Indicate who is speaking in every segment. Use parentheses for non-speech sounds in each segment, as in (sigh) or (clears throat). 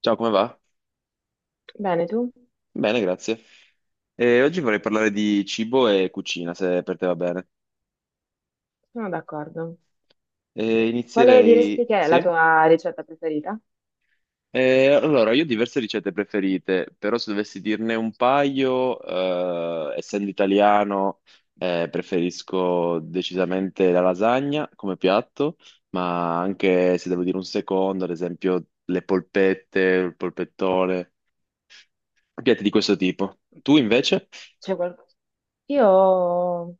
Speaker 1: Ciao, come va?
Speaker 2: Bene, tu?
Speaker 1: Bene, grazie. E oggi vorrei parlare di cibo e cucina, se per te va bene.
Speaker 2: Sono d'accordo.
Speaker 1: E
Speaker 2: Quale diresti
Speaker 1: inizierei.
Speaker 2: che è la
Speaker 1: Sì?
Speaker 2: tua ricetta preferita?
Speaker 1: E allora, io ho diverse ricette preferite, però se dovessi dirne un paio, essendo italiano, preferisco decisamente la lasagna come piatto, ma anche se devo dire un secondo, ad esempio le polpette, il polpettone, piatti di questo tipo. Tu invece?
Speaker 2: C'è qual- Io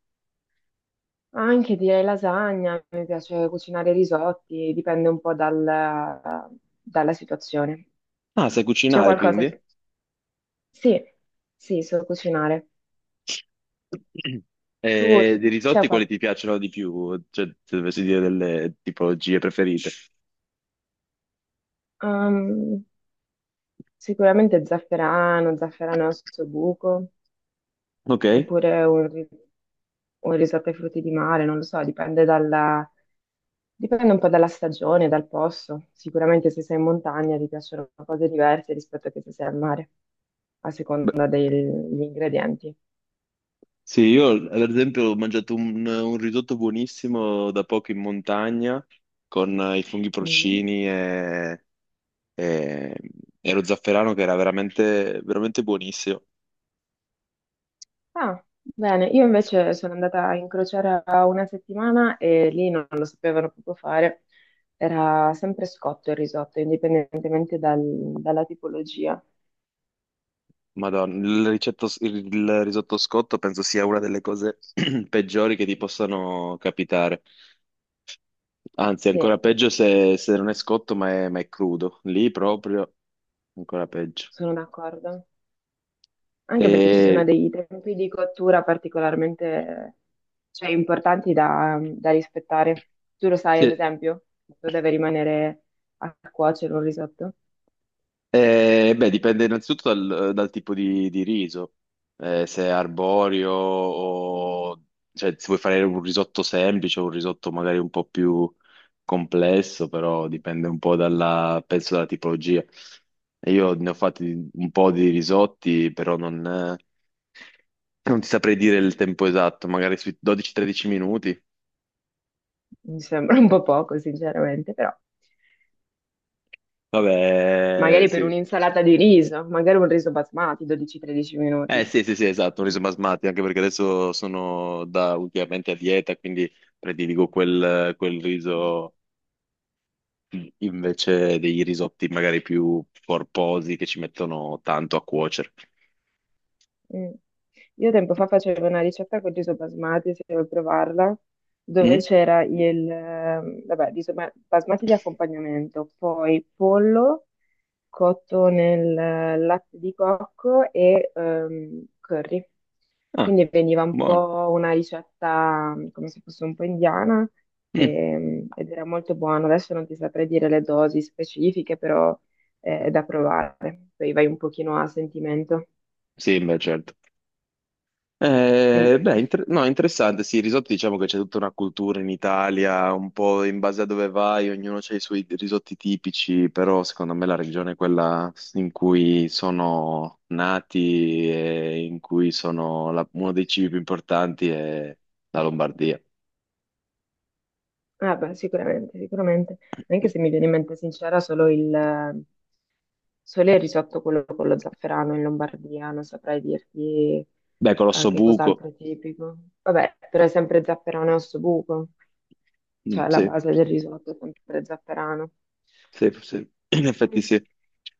Speaker 2: anche direi lasagna, mi piace cucinare risotti, dipende un po' dalla situazione.
Speaker 1: Ah, sai
Speaker 2: C'è
Speaker 1: cucinare,
Speaker 2: qualcosa
Speaker 1: quindi?
Speaker 2: che... Sì, sì, so cucinare. Tu
Speaker 1: E
Speaker 2: c-
Speaker 1: di
Speaker 2: c'è
Speaker 1: risotti quali ti piacciono di più? Cioè, se dovessi dire delle tipologie preferite.
Speaker 2: qualcosa... Sicuramente zafferano, zafferano al suo buco,
Speaker 1: Ok.
Speaker 2: oppure un risotto ai frutti di mare, non lo so, dipende un po' dalla stagione, dal posto. Sicuramente se sei in montagna ti piacciono cose diverse rispetto a che se sei al mare, a
Speaker 1: Beh,
Speaker 2: seconda degli ingredienti.
Speaker 1: sì, io ad esempio ho mangiato un risotto buonissimo da poco in montagna con i funghi
Speaker 2: Mm.
Speaker 1: porcini e- e lo zafferano che era veramente, veramente buonissimo.
Speaker 2: Ah, bene, io invece sono andata a incrociare a una settimana e lì non lo sapevano proprio fare. Era sempre scotto il risotto, indipendentemente dalla tipologia.
Speaker 1: Madonna, il risotto scotto penso sia una delle cose (clears throat) peggiori che ti possano capitare. Anzi,
Speaker 2: Sì,
Speaker 1: ancora peggio se, non è scotto, ma è crudo. Lì proprio ancora peggio.
Speaker 2: sono d'accordo. Anche perché ci sono
Speaker 1: E,
Speaker 2: dei tempi di cottura particolarmente, cioè, importanti da, da rispettare. Tu lo sai, ad
Speaker 1: sì,
Speaker 2: esempio, tu deve rimanere a cuocere un risotto.
Speaker 1: beh, dipende innanzitutto dal tipo di riso. Se è arborio o cioè, se vuoi fare un risotto semplice o un risotto magari un po' più complesso, però dipende un po' dalla, penso dalla tipologia. E io ne ho fatti un po' di risotti, però non ti saprei dire il tempo esatto, magari sui 12-13 minuti.
Speaker 2: Mi sembra un po' poco, sinceramente, però.
Speaker 1: Vabbè,
Speaker 2: Magari per
Speaker 1: sì.
Speaker 2: un'insalata di riso, magari un riso basmati, 12-13
Speaker 1: Eh
Speaker 2: minuti.
Speaker 1: sì, sì, sì, esatto, un riso basmati, anche perché adesso sono da ultimamente a dieta, quindi prediligo quel riso invece dei risotti magari più corposi che ci mettono tanto a cuocere.
Speaker 2: Mm. Io tempo fa facevo una ricetta con riso basmati, se vuoi provarla, dove
Speaker 1: Mm?
Speaker 2: c'era il, vabbè, riso basmati di accompagnamento, poi pollo cotto nel latte di cocco e curry.
Speaker 1: Ah,
Speaker 2: Quindi veniva un
Speaker 1: buono.
Speaker 2: po' una ricetta come se fosse un po' indiana
Speaker 1: Mm,
Speaker 2: ed era molto buono. Adesso non ti saprei dire le dosi specifiche, però è da provare. Poi vai un pochino a sentimento.
Speaker 1: sì, beh, certo.
Speaker 2: Mm.
Speaker 1: Beh, no, interessante, sì, il risotto diciamo che c'è tutta una cultura in Italia, un po' in base a dove vai, ognuno ha i suoi risotti tipici, però secondo me la regione è quella in cui sono nati e in cui uno dei cibi più importanti è la Lombardia.
Speaker 2: Ah, beh, sicuramente, sicuramente. Anche se mi viene in mente sincera, solo il risotto quello con lo zafferano in Lombardia, non saprei dirti
Speaker 1: Beh, Colosso
Speaker 2: che
Speaker 1: Buco.
Speaker 2: cos'altro è tipico. Vabbè, però è sempre zafferano e ossobuco,
Speaker 1: Mm,
Speaker 2: cioè la
Speaker 1: sì.
Speaker 2: base del
Speaker 1: Sì.
Speaker 2: risotto è sempre zafferano.
Speaker 1: Sì, sì, in effetti
Speaker 2: Mm.
Speaker 1: sì.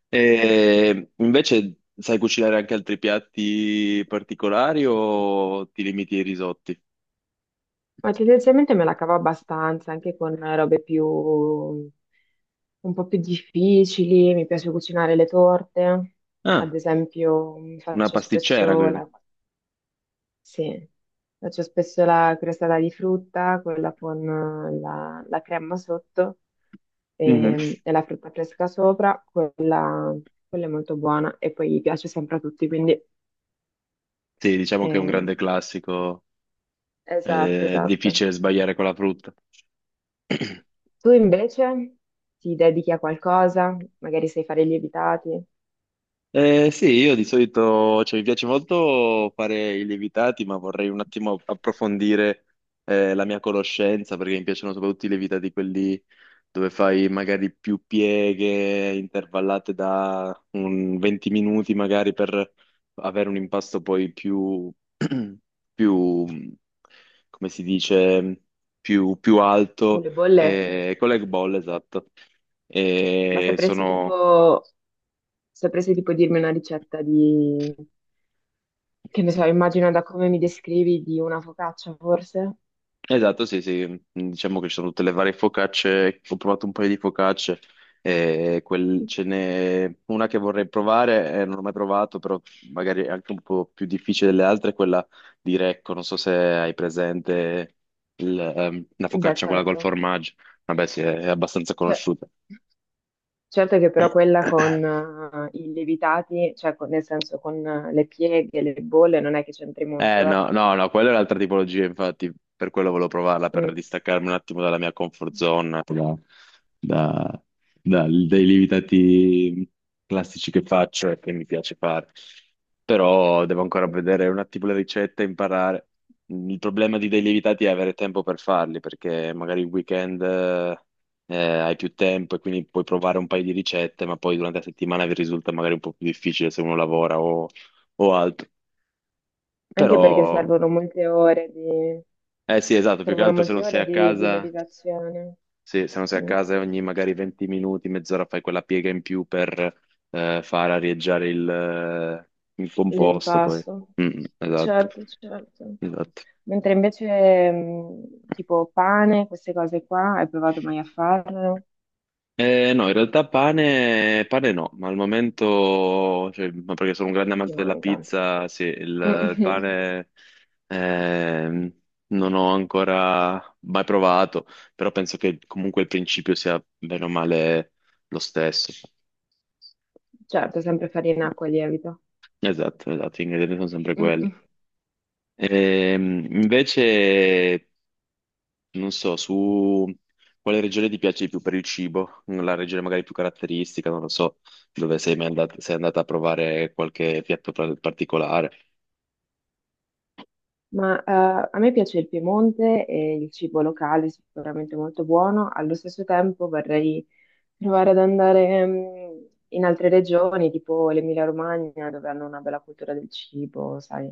Speaker 1: E invece sai cucinare anche altri piatti particolari o ti limiti ai risotti?
Speaker 2: Ma tendenzialmente me la cavo abbastanza, anche con robe più, un po' più difficili, mi piace cucinare le torte, ad
Speaker 1: Ah,
Speaker 2: esempio mi
Speaker 1: una
Speaker 2: faccio
Speaker 1: pasticcera,
Speaker 2: spesso
Speaker 1: quindi?
Speaker 2: la Sì, faccio spesso la crostata di frutta, quella con la crema sotto
Speaker 1: Mhm.
Speaker 2: e, e la frutta fresca sopra, quella è molto buona e poi piace sempre a tutti, quindi
Speaker 1: Sì, diciamo che è un
Speaker 2: ehm,
Speaker 1: grande classico,
Speaker 2: esatto,
Speaker 1: è
Speaker 2: esatto.
Speaker 1: difficile sbagliare con la frutta. (clears throat)
Speaker 2: Tu invece ti dedichi a qualcosa, magari sai fare i lievitati
Speaker 1: Sì, io di solito, cioè, mi piace molto fare i lievitati, ma vorrei un attimo approfondire la mia conoscenza, perché mi piacciono soprattutto i lievitati quelli dove fai magari più pieghe intervallate da un 20 minuti, magari per avere un impasto poi più, (clears throat) più, come si dice, più
Speaker 2: con
Speaker 1: alto,
Speaker 2: le bolle,
Speaker 1: con l'egg ball, esatto.
Speaker 2: ma
Speaker 1: E
Speaker 2: sapresti tipo,
Speaker 1: sono.
Speaker 2: sapresti tipo dirmi una ricetta di, che ne so, immagino da come mi descrivi di una focaccia forse?
Speaker 1: Esatto, sì, sì, diciamo che ci sono tutte le varie focacce, ho provato un paio di focacce, e ce n'è una che vorrei provare, non ho mai provato, però magari è anche un po' più difficile delle altre, è quella di Recco, non so se hai presente la
Speaker 2: Beh,
Speaker 1: focaccia quella col
Speaker 2: certo.
Speaker 1: formaggio, vabbè sì, è abbastanza
Speaker 2: Cioè,
Speaker 1: conosciuta.
Speaker 2: certo che però quella con i lievitati, cioè nel senso con le pieghe, le bolle, non è che c'entri
Speaker 1: Eh
Speaker 2: molto, eh.
Speaker 1: no, no, no, quella è un'altra tipologia, infatti, per quello volevo provarla, per
Speaker 2: Mm,
Speaker 1: distaccarmi un attimo dalla mia comfort zone, da- dai lievitati classici che faccio e che mi piace fare. Però devo ancora
Speaker 2: mm.
Speaker 1: vedere un attimo le ricette e imparare. Il problema di dei lievitati è avere tempo per farli, perché magari il weekend hai più tempo e quindi puoi provare un paio di ricette, ma poi durante la settimana vi risulta magari un po' più difficile se uno lavora o altro.
Speaker 2: Anche
Speaker 1: Però
Speaker 2: perché servono molte ore di,
Speaker 1: eh sì, esatto, più che
Speaker 2: servono
Speaker 1: altro se
Speaker 2: molte
Speaker 1: non sei
Speaker 2: ore
Speaker 1: a
Speaker 2: di, di,
Speaker 1: casa,
Speaker 2: lievitazione.
Speaker 1: sì, se non sei a
Speaker 2: Mm,
Speaker 1: casa ogni magari 20 minuti, mezz'ora fai quella piega in più per far arieggiare il composto poi.
Speaker 2: l'impasto.
Speaker 1: Mm, mm, esatto,
Speaker 2: Certo, certo.
Speaker 1: esatto.
Speaker 2: Mentre invece tipo pane, queste cose qua, hai provato mai a farlo?
Speaker 1: No, in realtà pane, pane no, ma al momento, cioè, ma perché sono un grande
Speaker 2: Ti
Speaker 1: amante della
Speaker 2: manca.
Speaker 1: pizza, sì, il,
Speaker 2: Mm. (laughs)
Speaker 1: il
Speaker 2: Mm.
Speaker 1: pane ehm, non ho ancora mai provato, però penso che comunque il principio sia bene o male lo stesso.
Speaker 2: Certo, sempre farina, acqua e lievito.
Speaker 1: Esatto, esatto, gli ingredienti sono sempre
Speaker 2: Mm,
Speaker 1: quelli.
Speaker 2: mm.
Speaker 1: Invece, non so, su quale regione ti piace di più per il cibo? La regione magari più caratteristica, non lo so, dove sei mai andat- sei andata a provare qualche piatto particolare.
Speaker 2: Ma a me piace il Piemonte e il cibo locale è sicuramente molto buono. Allo stesso tempo vorrei provare ad andare in altre regioni, tipo l'Emilia-Romagna, dove hanno una bella cultura del cibo, sai,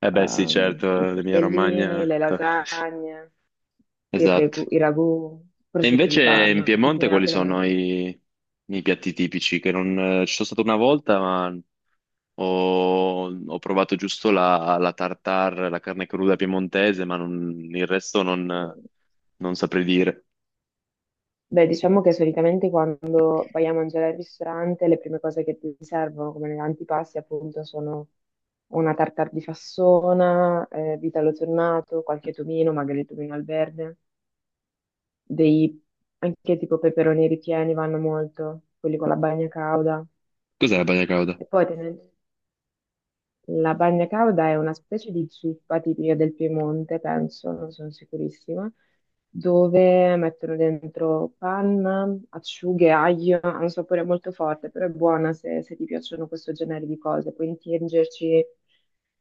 Speaker 1: Eh beh, sì, certo,
Speaker 2: i
Speaker 1: l'Emilia
Speaker 2: tortellini,
Speaker 1: Romagna.
Speaker 2: le
Speaker 1: (laughs)
Speaker 2: lasagne,
Speaker 1: Esatto.
Speaker 2: i ragù,
Speaker 1: E
Speaker 2: prosciutto di
Speaker 1: invece in
Speaker 2: Parma, chi più
Speaker 1: Piemonte
Speaker 2: ne ha
Speaker 1: quali
Speaker 2: più ne
Speaker 1: sono
Speaker 2: metta.
Speaker 1: i piatti tipici? Che non, ci sono stato una volta, ma ho provato giusto la tartare, la carne cruda piemontese, ma il resto non saprei dire.
Speaker 2: Beh, diciamo che solitamente quando vai a mangiare al ristorante, le prime cose che ti servono come antipasti, appunto, sono una tartare di fassona, vitello tornato, qualche tomino, magari il tomino al verde, dei anche tipo peperoni ripieni vanno molto, quelli con la bagna cauda.
Speaker 1: Cos'è la bagna cauda?
Speaker 2: E poi tenden- La bagna cauda è una specie di zuppa tipica del Piemonte, penso, non sono sicurissima, dove mettono dentro panna, acciughe, aglio, ha un sapore molto forte, però è buona se, se ti piacciono questo genere di cose. Puoi intingerci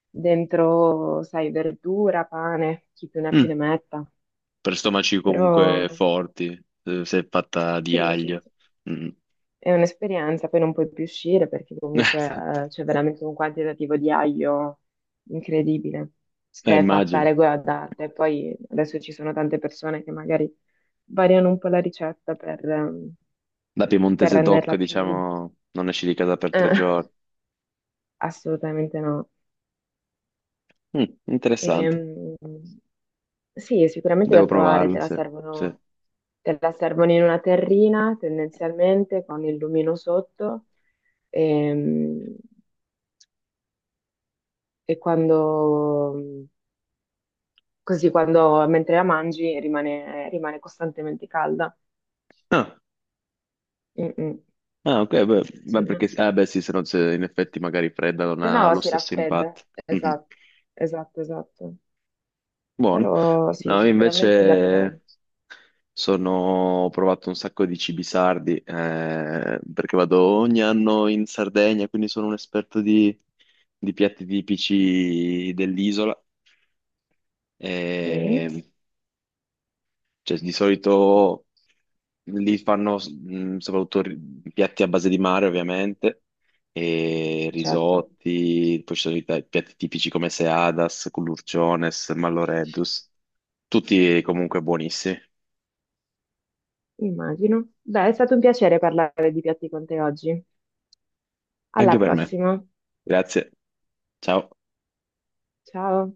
Speaker 2: dentro, sai, verdura, pane, chi più ne ha più
Speaker 1: Mm,
Speaker 2: ne metta.
Speaker 1: per stomaci
Speaker 2: Però
Speaker 1: comunque forti, se è fatta di
Speaker 2: sì, sì,
Speaker 1: aglio.
Speaker 2: sì.
Speaker 1: Mm.
Speaker 2: È un'esperienza, poi non puoi più uscire perché
Speaker 1: (laughs) Esatto.
Speaker 2: comunque c'è veramente un quantitativo di aglio incredibile. Se è fatta a
Speaker 1: Immagino.
Speaker 2: regola d'arte, poi adesso ci sono tante persone che magari variano un po' la ricetta per, ehm,
Speaker 1: Da
Speaker 2: per
Speaker 1: piemontese doc,
Speaker 2: renderla più.
Speaker 1: diciamo, non esci di casa per tre
Speaker 2: eh,
Speaker 1: giorni.
Speaker 2: (laughs) Assolutamente no.
Speaker 1: Mm, interessante.
Speaker 2: Ehm, sì, sicuramente da
Speaker 1: Devo
Speaker 2: provare, te
Speaker 1: provarlo,
Speaker 2: la
Speaker 1: sì. Sì.
Speaker 2: servono, te la servono in una terrina tendenzialmente con il lumino sotto. Ehm, e quando, così quando, mentre la mangi rimane costantemente calda.
Speaker 1: Ah,
Speaker 2: Mm, mm,
Speaker 1: ah, ok, beh, beh,
Speaker 2: sì,
Speaker 1: perché,
Speaker 2: no?
Speaker 1: ah, beh, sì, se no, se in effetti magari fredda non
Speaker 2: Se
Speaker 1: ha
Speaker 2: no
Speaker 1: lo
Speaker 2: si
Speaker 1: stesso
Speaker 2: raffredda.
Speaker 1: impatto. (laughs) Mhm.
Speaker 2: Esatto, esatto, esatto.
Speaker 1: Buono.
Speaker 2: Però sì, è
Speaker 1: No, io
Speaker 2: sicuramente da provare.
Speaker 1: invece Sono, ho provato un sacco di cibi sardi, perché vado ogni anno in Sardegna, quindi sono un esperto di, piatti tipici dell'isola.
Speaker 2: Mm,
Speaker 1: E, cioè, di solito lì fanno soprattutto piatti a base di mare, ovviamente, e
Speaker 2: certo,
Speaker 1: risotti, poi ci sono i piatti tipici come seadas, culurciones, malloreddus, tutti comunque buonissimi,
Speaker 2: immagino. Beh, è stato un piacere parlare di piatti con te oggi.
Speaker 1: anche
Speaker 2: Alla
Speaker 1: per me.
Speaker 2: prossima.
Speaker 1: Grazie, ciao.
Speaker 2: Ciao.